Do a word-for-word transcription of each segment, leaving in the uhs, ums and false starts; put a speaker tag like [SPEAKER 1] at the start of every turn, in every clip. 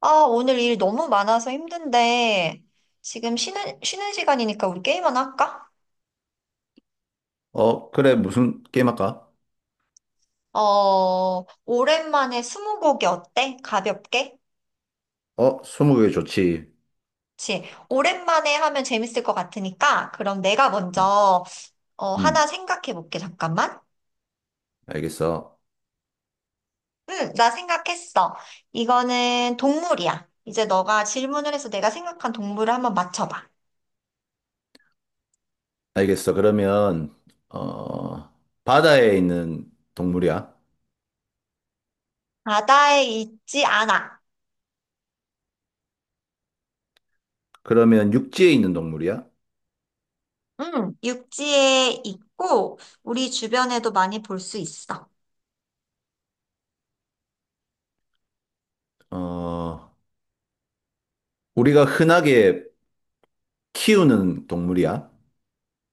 [SPEAKER 1] 아, 오늘 일 너무 많아서 힘든데, 지금 쉬는, 쉬는 시간이니까 우리 게임 하나 할까?
[SPEAKER 2] 어, 그래, 무슨 게임 할까?
[SPEAKER 1] 어, 오랜만에 스무고개 어때? 가볍게?
[SPEAKER 2] 어, 스무고개 좋지.
[SPEAKER 1] 그치? 오랜만에 하면 재밌을 것 같으니까, 그럼 내가 먼저, 어, 하나
[SPEAKER 2] 음,
[SPEAKER 1] 생각해 볼게, 잠깐만.
[SPEAKER 2] 알겠어.
[SPEAKER 1] 응, 나 생각했어. 이거는 동물이야. 이제 너가 질문을 해서 내가 생각한 동물을 한번 맞춰봐.
[SPEAKER 2] 알겠어. 그러면, 어, 바다에 있는 동물이야?
[SPEAKER 1] 바다에 있지 않아.
[SPEAKER 2] 그러면 육지에 있는 동물이야?
[SPEAKER 1] 응, 육지에 있고, 우리 주변에도 많이 볼 수 있어.
[SPEAKER 2] 어, 우리가 흔하게 키우는 동물이야?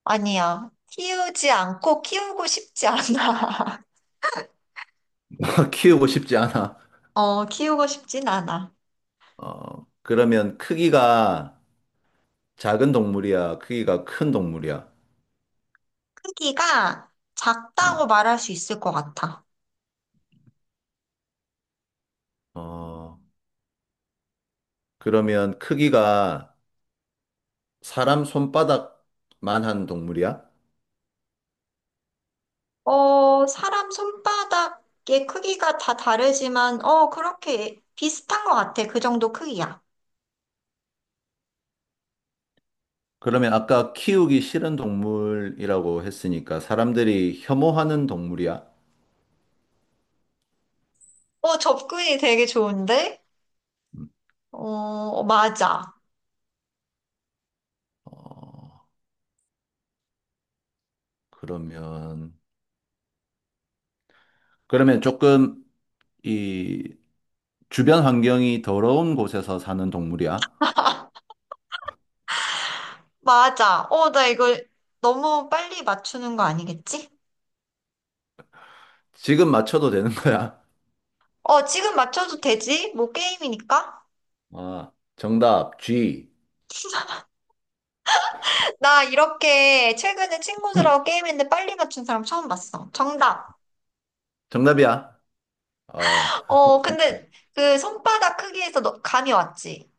[SPEAKER 1] 아니야. 키우지 않고 키우고 싶지 않아.
[SPEAKER 2] 키우고 싶지 않아.
[SPEAKER 1] 어, 키우고 싶진 않아.
[SPEAKER 2] 어, 그러면 크기가 작은 동물이야? 크기가 큰 동물이야?
[SPEAKER 1] 크기가 작다고
[SPEAKER 2] 어,
[SPEAKER 1] 말할 수 있을 것 같아.
[SPEAKER 2] 어, 그러면 크기가 사람 손바닥만한 동물이야?
[SPEAKER 1] 어, 사람 손바닥의 크기가 다 다르지만, 어, 그렇게 비슷한 것 같아. 그 정도 크기야.
[SPEAKER 2] 그러면 아까 키우기 싫은 동물이라고 했으니까 사람들이 혐오하는 동물이야?
[SPEAKER 1] 어, 접근이 되게 좋은데?
[SPEAKER 2] 음.
[SPEAKER 1] 어, 맞아.
[SPEAKER 2] 그러면, 그러면 조금 이 주변 환경이 더러운 곳에서 사는 동물이야?
[SPEAKER 1] 맞아. 어, 나 이거 너무 빨리 맞추는 거 아니겠지?
[SPEAKER 2] 지금 맞춰도 되는 거야?
[SPEAKER 1] 어, 지금 맞춰도 되지? 뭐 게임이니까?
[SPEAKER 2] 아, 정답, 지.
[SPEAKER 1] 나 이렇게 최근에
[SPEAKER 2] 음.
[SPEAKER 1] 친구들하고 게임했는데 빨리 맞춘 사람 처음 봤어. 정답.
[SPEAKER 2] 정답이야. 어,
[SPEAKER 1] 어, 근데 그 손바닥 크기에서 너, 감이 왔지.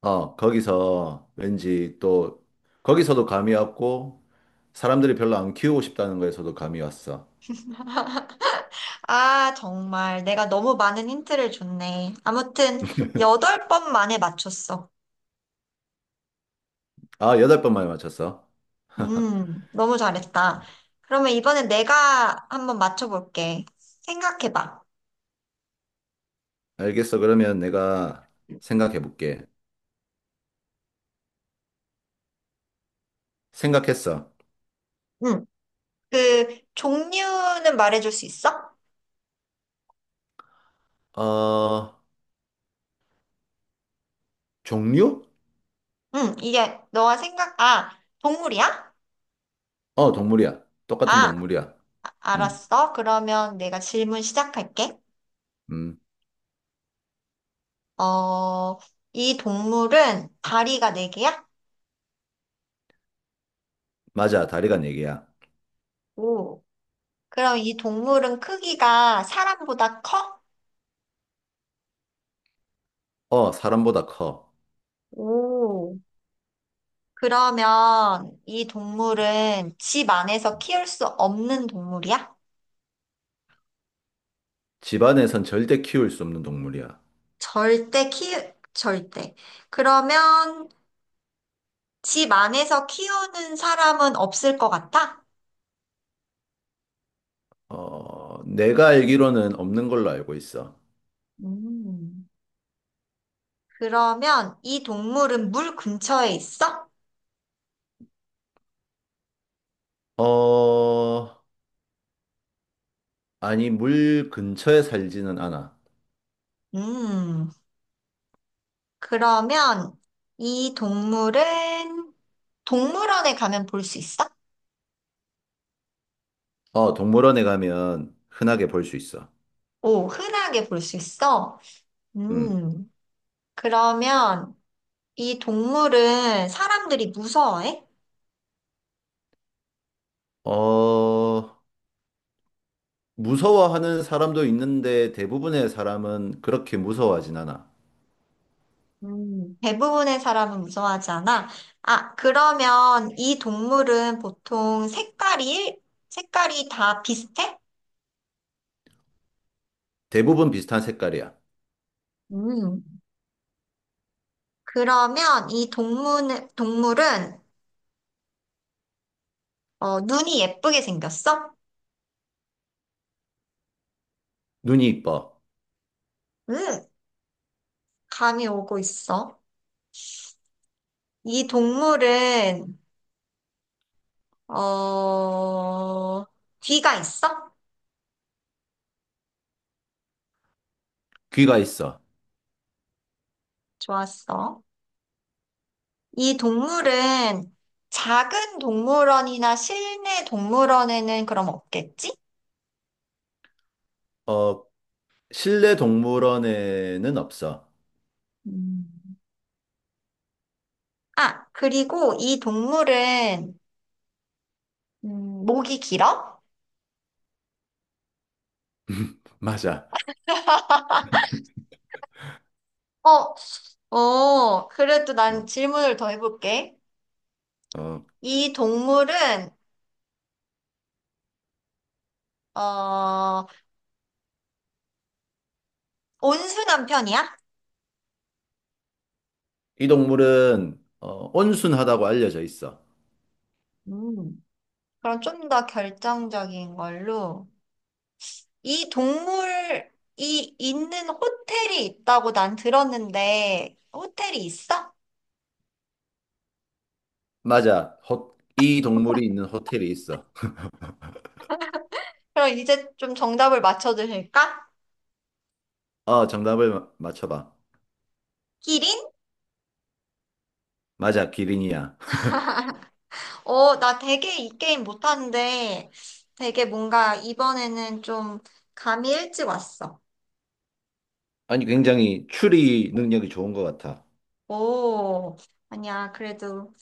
[SPEAKER 2] 어, 거기서 왠지 또, 거기서도 감이 왔고, 사람들이 별로 안 키우고 싶다는 거에서도 감이 왔어.
[SPEAKER 1] 아, 정말 내가 너무 많은 힌트를 줬네. 아무튼 여덟 번 만에 맞췄어.
[SPEAKER 2] 아, 여덟 번 만에 맞췄어.
[SPEAKER 1] 음, 너무 잘했다. 그러면 이번엔 내가 한번 맞춰볼게. 생각해봐.
[SPEAKER 2] 알겠어. 그러면 내가 생각해 볼게. 생각했어.
[SPEAKER 1] 응. 그 종류는 말해줄 수 있어?
[SPEAKER 2] 어, 종류?
[SPEAKER 1] 응, 이게 너가 생각, 아, 동물이야?
[SPEAKER 2] 어, 동물이야. 똑같은
[SPEAKER 1] 아.
[SPEAKER 2] 동물이야. 음,
[SPEAKER 1] 알았어. 그러면 내가 질문 시작할게.
[SPEAKER 2] 음.
[SPEAKER 1] 어, 이 동물은 다리가 네개야
[SPEAKER 2] 맞아. 다리가 네 개야.
[SPEAKER 1] 오. 그럼 이 동물은 크기가 사람보다 커?
[SPEAKER 2] 어, 사람보다 커.
[SPEAKER 1] 오. 그러면 이 동물은 집 안에서 키울 수 없는 동물이야?
[SPEAKER 2] 집안에선 절대 키울 수 없는 동물이야.
[SPEAKER 1] 절대 키, 절대. 그러면 집 안에서 키우는 사람은 없을 것 같아?
[SPEAKER 2] 어, 내가 알기로는 없는 걸로 알고 있어.
[SPEAKER 1] 음. 그러면 이 동물은 물 근처에 있어?
[SPEAKER 2] 어, 아니, 물 근처에 살지는 않아.
[SPEAKER 1] 음. 그러면 이 동물은 동물원에 가면 볼 수 있어?
[SPEAKER 2] 어, 동물원에 가면 흔하게 볼 수 있어.
[SPEAKER 1] 오, 흔하게 볼 수 있어?
[SPEAKER 2] 음.
[SPEAKER 1] 음, 그러면 이 동물은 사람들이 무서워해?
[SPEAKER 2] 어, 무서워하는 사람도 있는데 대부분의 사람은 그렇게 무서워하진 않아.
[SPEAKER 1] 음, 대부분의 사람은 무서워하지 않아? 아, 그러면 이 동물은 보통 색깔이, 색깔이 다 비슷해?
[SPEAKER 2] 대부분 비슷한 색깔이야.
[SPEAKER 1] 음, 그러면 이 동물, 동물은, 어, 눈이 예쁘게 생겼어?
[SPEAKER 2] 눈이 이뻐.
[SPEAKER 1] 음, 감이 오고 있어. 이 동물은, 어, 귀가 있어?
[SPEAKER 2] 귀가 있어.
[SPEAKER 1] 좋았어. 이 동물은 작은 동물원이나 실내 동물원에는 그럼 없겠지?
[SPEAKER 2] 어, 실내 동물원에는 없어.
[SPEAKER 1] 음. 아, 그리고 이 동물은, 음, 목이 길어?
[SPEAKER 2] 맞아.
[SPEAKER 1] 어, 어, 그래도
[SPEAKER 2] 어.
[SPEAKER 1] 난 질문을 더 해볼게.
[SPEAKER 2] 어,
[SPEAKER 1] 이 동물은, 어, 온순한 편이야?
[SPEAKER 2] 이 동물은 어, 온순하다고 알려져 있어.
[SPEAKER 1] 음. 그럼 좀 더 결정적인 걸로. 이 동물이 있는 호텔이 있다고 난 들었는데, 호텔이 있어?
[SPEAKER 2] 맞아. 호, 이 동물이 있는 호텔이 있어.
[SPEAKER 1] 그럼 이제 좀 정답을 맞춰주실까?
[SPEAKER 2] 어, 정답을 마- 맞춰봐.
[SPEAKER 1] 기린?
[SPEAKER 2] 맞아, 기린이야.
[SPEAKER 1] 어, 나 되게 이 게임 못하는데, 되게 뭔가 이번에는 좀 감이 일찍 왔어.
[SPEAKER 2] 아니, 굉장히 추리 능력이 좋은 것 같아.
[SPEAKER 1] 오, 아니야. 그래도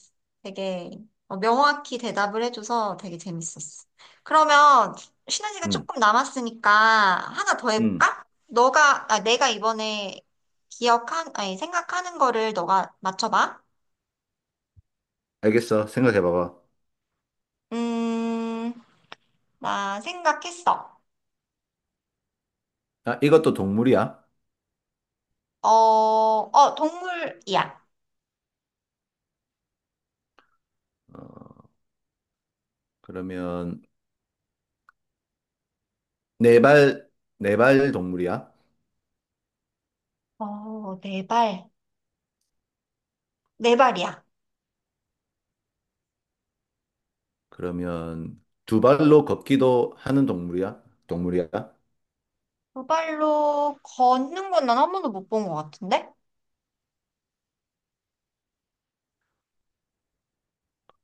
[SPEAKER 1] 되게 어, 명확히 대답을 해줘서 되게 재밌었어. 그러면 쉬는 시간
[SPEAKER 2] 응,
[SPEAKER 1] 조금 남았으니까 하나 더
[SPEAKER 2] 응.
[SPEAKER 1] 해볼까? 너가, 아, 내가 이번에 기억한, 아니, 생각하는 거를 너가 맞춰봐.
[SPEAKER 2] 알겠어. 생각해봐봐.
[SPEAKER 1] 음, 나 생각했어.
[SPEAKER 2] 아, 이것도 동물이야?
[SPEAKER 1] 어, 어, 동물이야.
[SPEAKER 2] 어, 그러면 네 발, 네발 동물이야?
[SPEAKER 1] 어, 네 발. 네 발이야.
[SPEAKER 2] 그러면 두 발로 걷기도 하는 동물이야? 동물이야?
[SPEAKER 1] 두 발로 걷는 건 난 한 번도 못 본 것 같은데?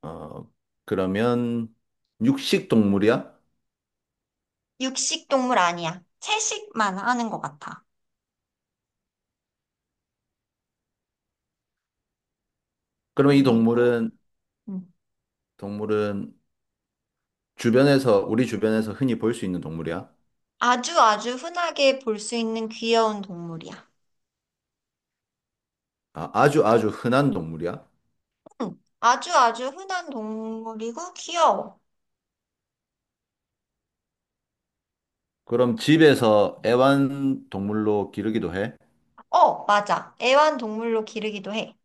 [SPEAKER 2] 어, 그러면 육식 동물이야?
[SPEAKER 1] 육식 동물 아니야. 채식만 하는 것 같아.
[SPEAKER 2] 그러면 이
[SPEAKER 1] 그리고
[SPEAKER 2] 동물은,
[SPEAKER 1] 음,
[SPEAKER 2] 동물은 주변에서, 우리 주변에서 흔히 볼 수 있는 동물이야?
[SPEAKER 1] 아주 아주 흔하게 볼 수 있는 귀여운 동물이야.
[SPEAKER 2] 아, 아주 아주 흔한 동물이야?
[SPEAKER 1] 음, 아주 아주 흔한 동물이고 귀여워.
[SPEAKER 2] 그럼 집에서 애완 동물로 기르기도 해?
[SPEAKER 1] 어, 맞아. 애완동물로 기르기도 해.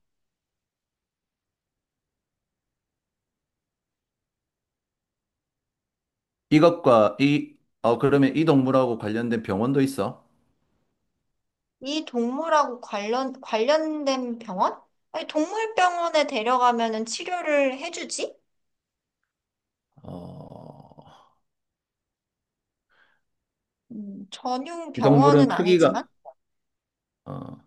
[SPEAKER 2] 이것과 이, 어, 그러면 이 동물하고 관련된 병원도 있어?
[SPEAKER 1] 이 동물하고 관련 관련된 병원? 아니, 동물병원에 데려가면은 치료를 해주지?
[SPEAKER 2] 어,
[SPEAKER 1] 음, 전용
[SPEAKER 2] 이 동물은
[SPEAKER 1] 병원은
[SPEAKER 2] 크기가,
[SPEAKER 1] 아니지만
[SPEAKER 2] 어,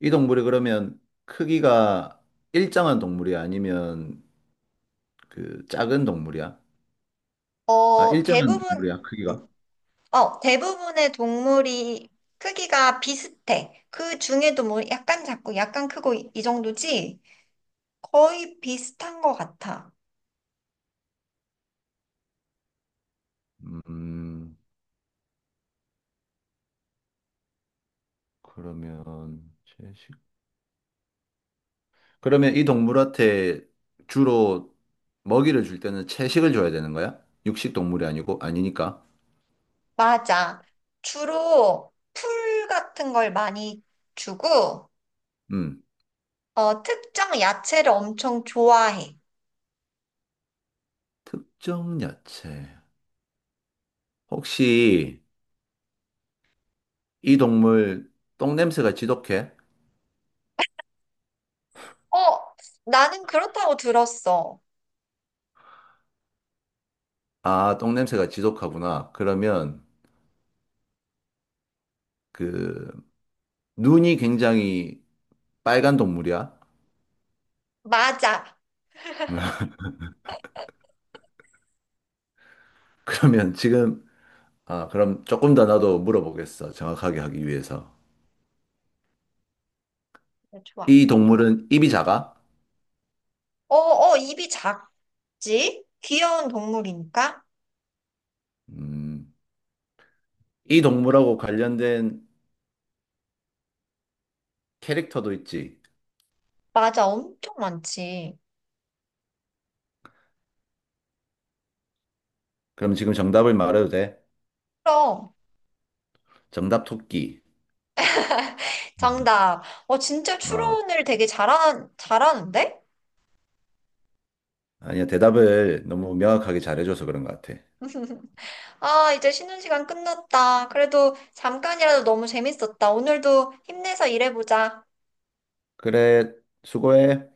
[SPEAKER 2] 이 동물이 그러면 크기가 일정한 동물이야? 아니면 그 작은 동물이야? 아,
[SPEAKER 1] 어,
[SPEAKER 2] 일정한
[SPEAKER 1] 대부분
[SPEAKER 2] 동물이야, 크기가.
[SPEAKER 1] 어, 대부분의 동물이 크기가 비슷해. 그 중에도 뭐 약간 작고 약간 크고 이, 이 정도지? 거의 비슷한 것 같아.
[SPEAKER 2] 음, 그러면 채식. 그러면 이 동물한테 주로 먹이를 줄 때는 채식을 줘야 되는 거야? 육식 동물이 아니고 아니니까.
[SPEAKER 1] 맞아. 주로 풀 같은 걸 많이 주고,
[SPEAKER 2] 음,
[SPEAKER 1] 어, 특정 야채를 엄청 좋아해.
[SPEAKER 2] 특정 야채. 혹시 이 동물 똥 냄새가 지독해?
[SPEAKER 1] 어, 나는 그렇다고 들었어.
[SPEAKER 2] 아, 똥 냄새가 지독하구나. 그러면 그 눈이 굉장히 빨간 동물이야?
[SPEAKER 1] 맞아.
[SPEAKER 2] 그러면 지금, 아, 그럼 조금 더 나도 물어보겠어. 정확하게 하기 위해서.
[SPEAKER 1] 어, 좋아.
[SPEAKER 2] 이 동물은 입이 작아?
[SPEAKER 1] 어, 어, 입이 작지? 귀여운 동물이니까?
[SPEAKER 2] 음, 이 동물하고 관련된 캐릭터도 있지.
[SPEAKER 1] 맞아, 엄청 많지.
[SPEAKER 2] 그럼 지금 정답을 말해도 돼?
[SPEAKER 1] 그럼.
[SPEAKER 2] 정답 토끼.
[SPEAKER 1] 정답. 어, 진짜
[SPEAKER 2] 아,
[SPEAKER 1] 추론을 되게 잘하, 잘하는데?
[SPEAKER 2] 아니야. 대답을 너무 명확하게 잘해줘서 그런 것 같아.
[SPEAKER 1] 아, 이제 쉬는 시간 끝났다. 그래도 잠깐이라도 너무 재밌었다. 오늘도 힘내서 일해보자.
[SPEAKER 2] 그래, 수고해.